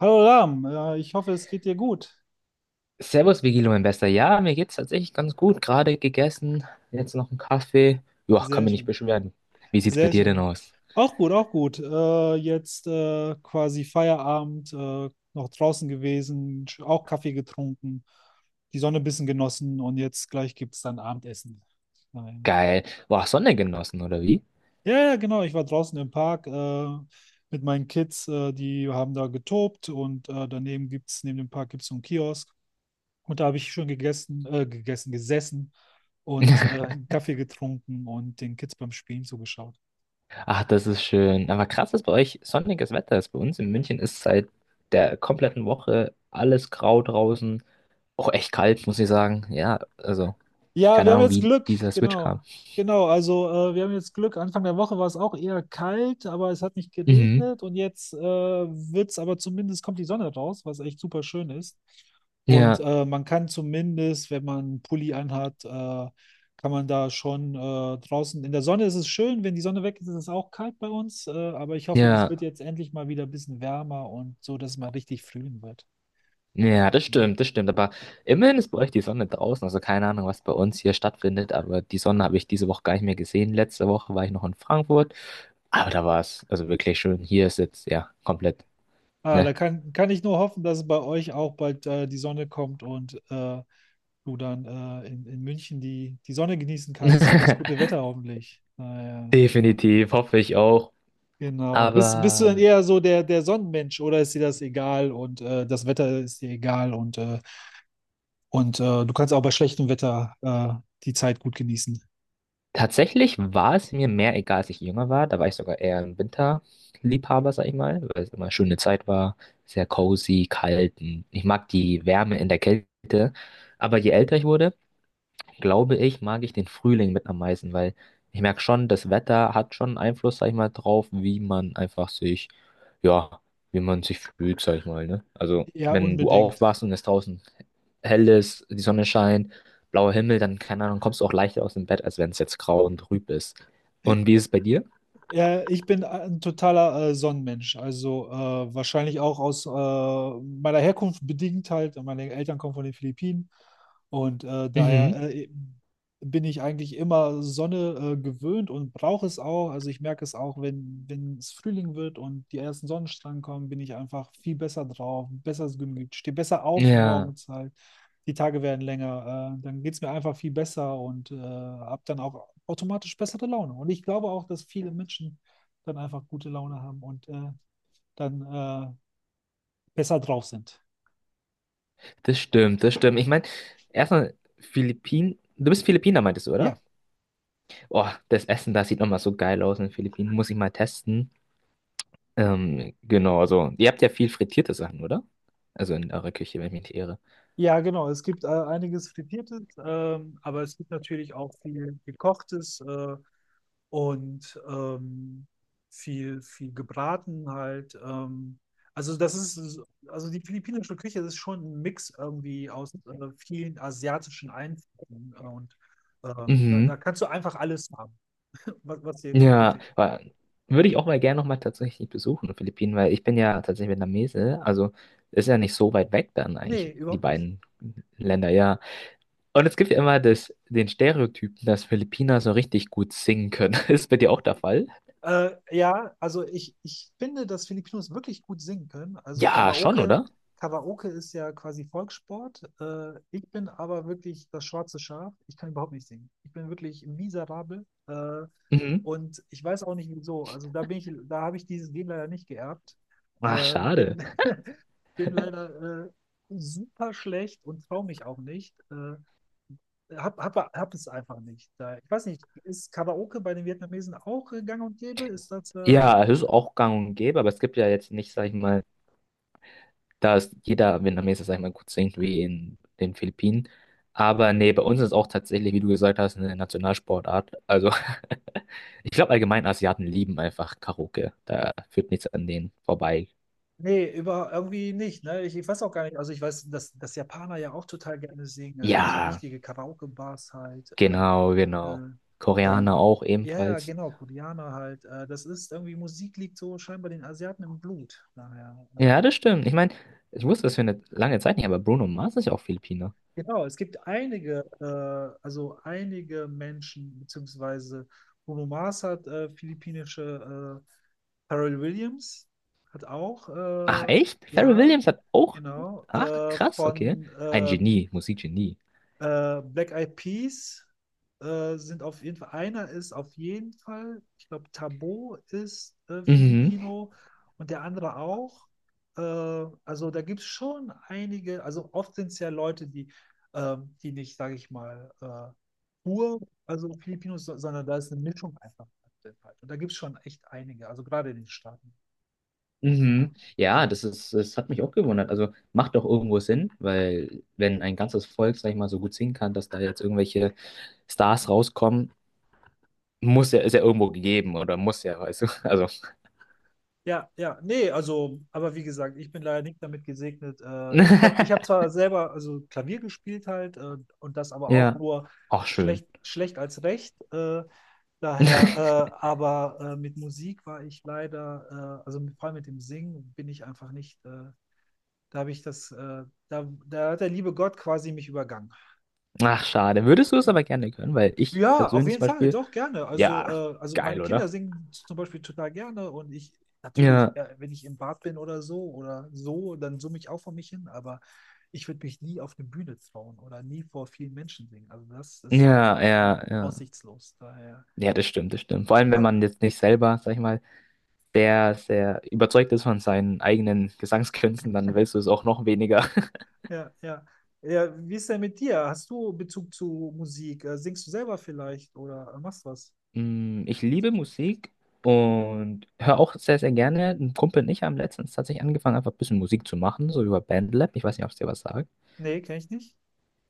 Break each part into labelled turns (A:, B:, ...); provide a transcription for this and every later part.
A: Hallo Ram, ich hoffe, es geht dir gut.
B: Servus, Vigilo, mein Bester. Ja, mir geht's tatsächlich ganz gut. Gerade gegessen, jetzt noch einen Kaffee. Ja, kann
A: Sehr
B: mich nicht
A: schön,
B: beschweren. Wie sieht's bei
A: sehr
B: dir denn
A: schön.
B: aus?
A: Auch gut, auch gut. Jetzt quasi Feierabend, noch draußen gewesen, auch Kaffee getrunken, die Sonne ein bisschen genossen und jetzt gleich gibt es dann Abendessen. Nein.
B: Geil. Boah, Sonne genossen, oder wie?
A: Ja, ja, genau. Ich war draußen im Park mit meinen Kids, die haben da getobt und neben dem Park gibt es so einen Kiosk. Und da habe ich schön gesessen und Kaffee getrunken und den Kids beim Spielen zugeschaut.
B: Ach, das ist schön. Aber krass, dass bei euch sonniges Wetter ist. Bei uns in München ist seit der kompletten Woche alles grau draußen. Auch echt kalt, muss ich sagen. Ja, also,
A: Ja,
B: keine
A: wir haben
B: Ahnung,
A: jetzt
B: wie
A: Glück,
B: dieser Switch
A: genau.
B: kam.
A: Genau, also wir haben jetzt Glück. Anfang der Woche war es auch eher kalt, aber es hat nicht
B: Mhm.
A: geregnet und jetzt wird aber zumindest kommt die Sonne raus, was echt super schön ist. Und
B: Ja,
A: man kann zumindest, wenn man einen Pulli anhat, kann man da schon draußen. In der Sonne ist es schön, wenn die Sonne weg ist, ist es auch kalt bei uns. Aber ich hoffe, es
B: ja.
A: wird jetzt endlich mal wieder ein bisschen wärmer und so, dass es mal richtig früh wird.
B: Ja, das
A: Hm.
B: stimmt, das stimmt. Aber immerhin ist bei euch die Sonne draußen. Also keine Ahnung, was bei uns hier stattfindet. Aber die Sonne habe ich diese Woche gar nicht mehr gesehen. Letzte Woche war ich noch in Frankfurt. Aber da war es also wirklich schön. Hier ist jetzt, ja, komplett,
A: Ah,
B: ne?
A: kann ich nur hoffen, dass bei euch auch bald die Sonne kommt und du dann in München die Sonne genießen kannst und das gute Wetter hoffentlich. Naja,
B: Definitiv, hoffe ich auch.
A: genau. Bist du dann
B: Aber
A: eher so der Sonnenmensch oder ist dir das egal und das Wetter ist dir egal und du kannst auch bei schlechtem Wetter die Zeit gut genießen?
B: tatsächlich war es mir mehr egal, als ich jünger war. Da war ich sogar eher ein Winterliebhaber, sag ich mal, weil es immer eine schöne Zeit war. Sehr cozy, kalt. Und ich mag die Wärme in der Kälte. Aber je älter ich wurde, glaube ich, mag ich den Frühling mit am meisten, weil ich merke schon, das Wetter hat schon Einfluss, sag ich mal, drauf, wie man einfach sich, ja, wie man sich fühlt, sag ich mal, ne? Also,
A: Ja,
B: wenn du
A: unbedingt.
B: aufwachst und es draußen hell ist, die Sonne scheint, blauer Himmel, dann, keine Ahnung, kommst du auch leichter aus dem Bett, als wenn es jetzt grau und trüb ist. Und wie ist es bei dir?
A: Ja, ich bin ein totaler Sonnenmensch. Also wahrscheinlich auch aus meiner Herkunft bedingt halt. Meine Eltern kommen von den Philippinen und äh,
B: Mhm.
A: daher äh, bin ich eigentlich immer Sonne gewöhnt und brauche es auch. Also ich merke es auch, wenn es Frühling wird und die ersten Sonnenstrahlen kommen, bin ich einfach viel besser drauf, besser gemütlich, stehe besser auf
B: Ja,
A: morgens halt. Die Tage werden länger, dann geht es mir einfach viel besser und habe dann auch automatisch bessere Laune. Und ich glaube auch, dass viele Menschen dann einfach gute Laune haben und dann besser drauf sind.
B: das stimmt, das stimmt. Ich meine, erstmal Philippinen. Du bist Philippiner, meintest du,
A: Ja.
B: oder? Oh, das Essen da sieht nochmal so geil aus in den Philippinen. Muss ich mal testen. Genau, also ihr habt ja viel frittierte Sachen, oder? Also in eurer Küche, wenn ich mich nicht irre.
A: Ja, genau. Es gibt einiges Frittiertes, aber es gibt natürlich auch viel Gekochtes und viel, viel gebraten halt. Also das ist, also die philippinische Küche ist schon ein Mix irgendwie aus vielen asiatischen Einflüssen. Äh, da, da
B: Mhm.
A: kannst du einfach alles haben, was dir
B: Ja,
A: gefällt.
B: aber würde ich auch mal gerne nochmal tatsächlich besuchen, die Philippinen, weil ich bin ja tatsächlich Vietnamese, also ist ja nicht so weit weg dann eigentlich,
A: Nee,
B: die
A: überhaupt nicht.
B: beiden Länder, ja. Und es gibt ja immer das, den Stereotyp, dass Philippiner so richtig gut singen können. Ist bei dir auch der Fall?
A: Ja, also ich finde, dass Filipinos wirklich gut singen können. Also
B: Ja, schon,
A: Karaoke,
B: oder?
A: Karaoke ist ja quasi Volkssport. Ich bin aber wirklich das schwarze Schaf. Ich kann überhaupt nicht singen. Ich bin wirklich miserabel.
B: Mhm.
A: Und ich weiß auch nicht wieso. Also da habe ich dieses Gen leider nicht geerbt.
B: Ach,
A: Äh,
B: schade.
A: bin, bin leider super schlecht und traue mich auch nicht. Hab es einfach nicht. Da, ich weiß nicht, ist Karaoke bei den Vietnamesen auch gang und gäbe? Ist das. Äh,
B: Ja, es ist auch gang und gäbe, aber es gibt ja jetzt nicht, sag ich mal, da ist jeder Vietnameser, sag ich mal, gut singt wie in den Philippinen. Aber nee, bei uns ist es auch tatsächlich, wie du gesagt hast, eine Nationalsportart. Also ich glaube allgemein, Asiaten lieben einfach Karaoke. Da führt nichts an denen vorbei.
A: nee, über, irgendwie nicht. Ne? Ich weiß auch gar nicht. Also, ich weiß, dass Japaner ja auch total gerne singen. Da gibt es ja
B: Ja,
A: richtige Karaoke-Bars halt.
B: genau, genau.
A: Äh,
B: Koreaner
A: und
B: auch
A: ja, ja,
B: ebenfalls.
A: genau, Koreaner halt. Das ist irgendwie, Musik liegt so scheinbar den Asiaten im Blut. Daher.
B: Ja, das stimmt. Ich meine, ich wusste das für eine lange Zeit nicht, aber Bruno Mars ist ja auch Philippiner.
A: Genau, es gibt einige, also einige Menschen, beziehungsweise. Bruno Mars hat philippinische Pharrell Williams hat auch,
B: Ach, echt? Pharrell
A: ja,
B: Williams hat auch.
A: genau,
B: Ach,
A: äh,
B: krass, okay.
A: von
B: Ein
A: äh,
B: Genie, Musikgenie.
A: äh, Black Eyed Peas sind auf jeden Fall, einer ist auf jeden Fall, ich glaube, Tabo ist
B: Mhm.
A: Filipino und der andere auch. Äh, also da gibt es schon einige, also oft sind es ja Leute, die die nicht, sage ich mal, pur, also Filipinos, sondern da ist eine Mischung einfach. Drin halt. Und da gibt es schon echt einige, also gerade in den Staaten. Ja,
B: Mhm. Ja,
A: ähm,
B: das ist, das hat mich auch gewundert. Also macht doch irgendwo Sinn, weil wenn ein ganzes Volk, sag ich mal, so gut singen kann, dass da jetzt irgendwelche Stars rauskommen, muss ja, ist ja irgendwo gegeben oder muss ja, weißt du. Also.
A: ja, ja, nee, also, aber wie gesagt, ich bin leider nicht damit gesegnet. Ich habe ich hab zwar selber also Klavier gespielt halt und das aber auch
B: Ja,
A: nur
B: auch schön.
A: schlecht als recht. Äh, daher, äh, aber äh, mit Musik war ich leider, also vor allem mit dem Singen bin ich einfach nicht, da habe ich das, da, da hat der liebe Gott quasi mich übergangen.
B: Ach, schade. Würdest du es aber gerne können, weil ich
A: Ja, auf
B: persönlich zum
A: jeden Fall,
B: Beispiel,
A: doch, gerne. Also,
B: ja,
A: äh, also meine
B: geil,
A: Kinder
B: oder?
A: singen zum Beispiel total gerne und ich natürlich,
B: Ja,
A: wenn ich im Bad bin oder so, dann summe ich auch vor mich hin, aber ich würde mich nie auf eine Bühne trauen oder nie vor vielen Menschen singen. Also das ist
B: ja,
A: einfach
B: ja, ja.
A: aussichtslos. Daher.
B: Ja, das stimmt, das stimmt. Vor allem, wenn
A: Ah,
B: man jetzt nicht selber, sag ich mal, sehr, sehr überzeugt ist von seinen eigenen Gesangskünsten, dann willst du es auch noch weniger.
A: ja, ja. Ja, wie ist denn mit dir? Hast du Bezug zu Musik? Singst du selber vielleicht oder machst was?
B: Ich liebe Musik und höre auch sehr, sehr gerne. Ein Kumpel und ich haben letztens tatsächlich angefangen, einfach ein bisschen Musik zu machen, so über Bandlab. Ich weiß nicht, ob es dir was sagt.
A: Nee, kenne ich nicht.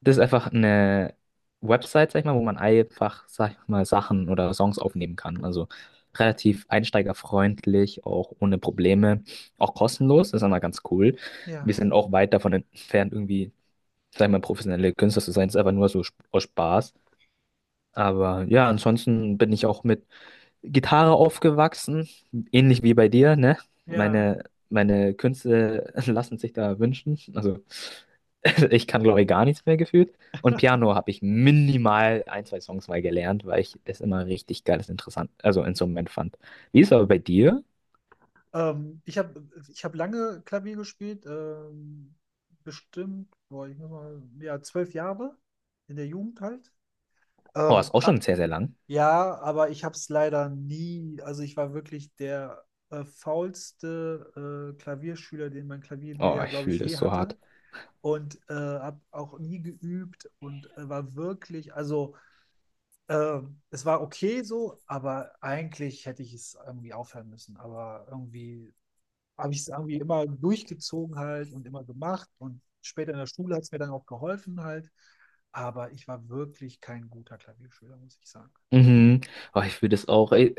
B: Das ist einfach eine Website, sag ich mal, wo man einfach, sag ich mal, Sachen oder Songs aufnehmen kann. Also relativ einsteigerfreundlich, auch ohne Probleme, auch kostenlos. Das ist immer ganz cool. Wir
A: Ja,
B: sind auch weit davon entfernt, irgendwie sag ich mal, professionelle Künstler zu sein, ist einfach nur so aus Spaß. Aber ja, ansonsten bin ich auch mit Gitarre aufgewachsen, ähnlich wie bei dir, ne?
A: ja.
B: Meine, meine Künste lassen sich da wünschen. Also ich kann, glaube ich, gar nichts mehr gefühlt. Und Piano habe ich minimal ein, zwei Songs mal gelernt, weil ich das immer richtig geiles, interessant, also Instrument fand. Wie ist es aber bei dir?
A: Ich habe ich hab lange Klavier gespielt, bestimmt, boah, ich muss mal, ja, 12 Jahre in der Jugend halt.
B: Oh,
A: Ähm,
B: ist auch
A: ah,
B: schon sehr, sehr lang.
A: ja, aber ich habe es leider nie, also ich war wirklich der faulste Klavierschüler, den mein
B: Oh,
A: Klavierlehrer,
B: ich
A: glaube ich,
B: fühle das
A: je
B: so hart.
A: hatte. Und habe auch nie geübt und war wirklich, es war okay so, aber eigentlich hätte ich es irgendwie aufhören müssen. Aber irgendwie habe ich es irgendwie immer durchgezogen halt und immer gemacht. Und später in der Schule hat es mir dann auch geholfen halt. Aber ich war wirklich kein guter Klavierschüler, muss ich sagen.
B: Mhm. Oh, ich fühle das auch. Ey,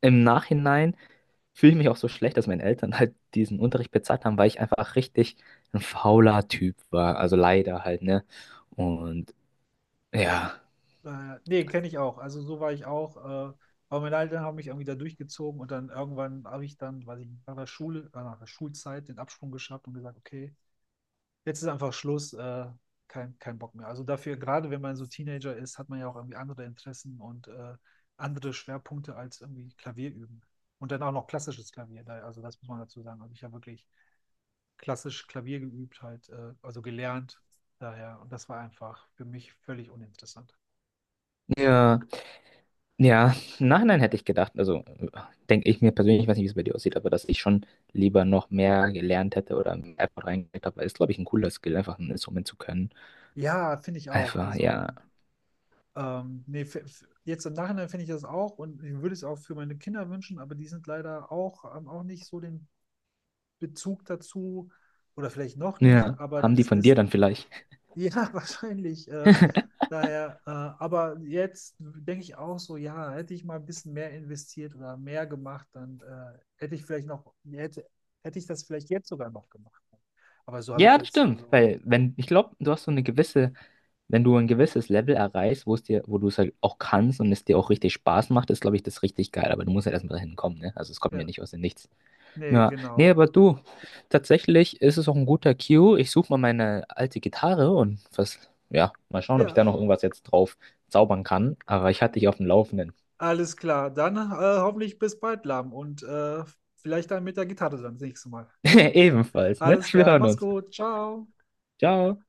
B: im Nachhinein fühle ich mich auch so schlecht, dass meine Eltern halt diesen Unterricht bezahlt haben, weil ich einfach richtig ein fauler Typ war. Also leider halt, ne? Und ja,
A: Naja. Nee, kenne ich auch. Also so war ich auch. Aber meine Eltern haben mich irgendwie da durchgezogen und dann irgendwann habe ich dann, weiß ich, nicht, nach der Schule, nach der Schulzeit den Absprung geschafft und gesagt, okay, jetzt ist einfach Schluss, kein Bock mehr. Also dafür, gerade wenn man so Teenager ist, hat man ja auch irgendwie andere Interessen und andere Schwerpunkte als irgendwie Klavier üben. Und dann auch noch klassisches Klavier. Also das muss man dazu sagen. Also ich habe wirklich klassisch Klavier geübt, halt, also gelernt daher. Und das war einfach für mich völlig uninteressant.
B: ja, ja, im Nachhinein hätte ich gedacht, also denke ich mir persönlich, ich weiß nicht, wie es bei dir aussieht, aber dass ich schon lieber noch mehr gelernt hätte oder mehr Effort reingesteckt habe, weil es, glaube ich, ein cooler Skill, einfach ein Instrument zu können.
A: Ja, finde ich auch.
B: Einfach, ja.
A: Jetzt im Nachhinein finde ich das auch und ich würde es auch für meine Kinder wünschen, aber die sind leider auch, haben auch nicht so den Bezug dazu oder vielleicht noch nicht,
B: Ja.
A: aber
B: Haben die
A: es
B: von dir
A: ist
B: dann vielleicht?
A: ja wahrscheinlich daher. Aber jetzt denke ich auch so, ja, hätte ich mal ein bisschen mehr investiert oder mehr gemacht, dann hätte ich das vielleicht jetzt sogar noch gemacht. Aber so habe ich
B: Ja, das
A: jetzt,
B: stimmt.
A: also,
B: Weil, wenn, ich glaube, du hast so eine gewisse, wenn du ein gewisses Level erreichst, wo es dir, wo du es halt auch kannst und es dir auch richtig Spaß macht, ist, glaube ich, das richtig geil. Aber du musst halt erstmal dahin kommen, ne? Also es kommt ja
A: ja,
B: nicht aus dem Nichts.
A: nee,
B: Ja. Nee,
A: genau.
B: aber du, tatsächlich ist es auch ein guter Cue. Ich suche mal meine alte Gitarre und was, ja, mal schauen, ob ich
A: Ja,
B: da noch irgendwas jetzt drauf zaubern kann. Aber ich hatte dich auf dem Laufenden.
A: alles klar. Dann hoffentlich bis bald, Lam. Und vielleicht dann mit der Gitarre dann das nächste Mal.
B: Ebenfalls, ne?
A: Alles
B: Wir
A: klar,
B: hören
A: mach's
B: uns.
A: gut. Ciao.
B: Ciao.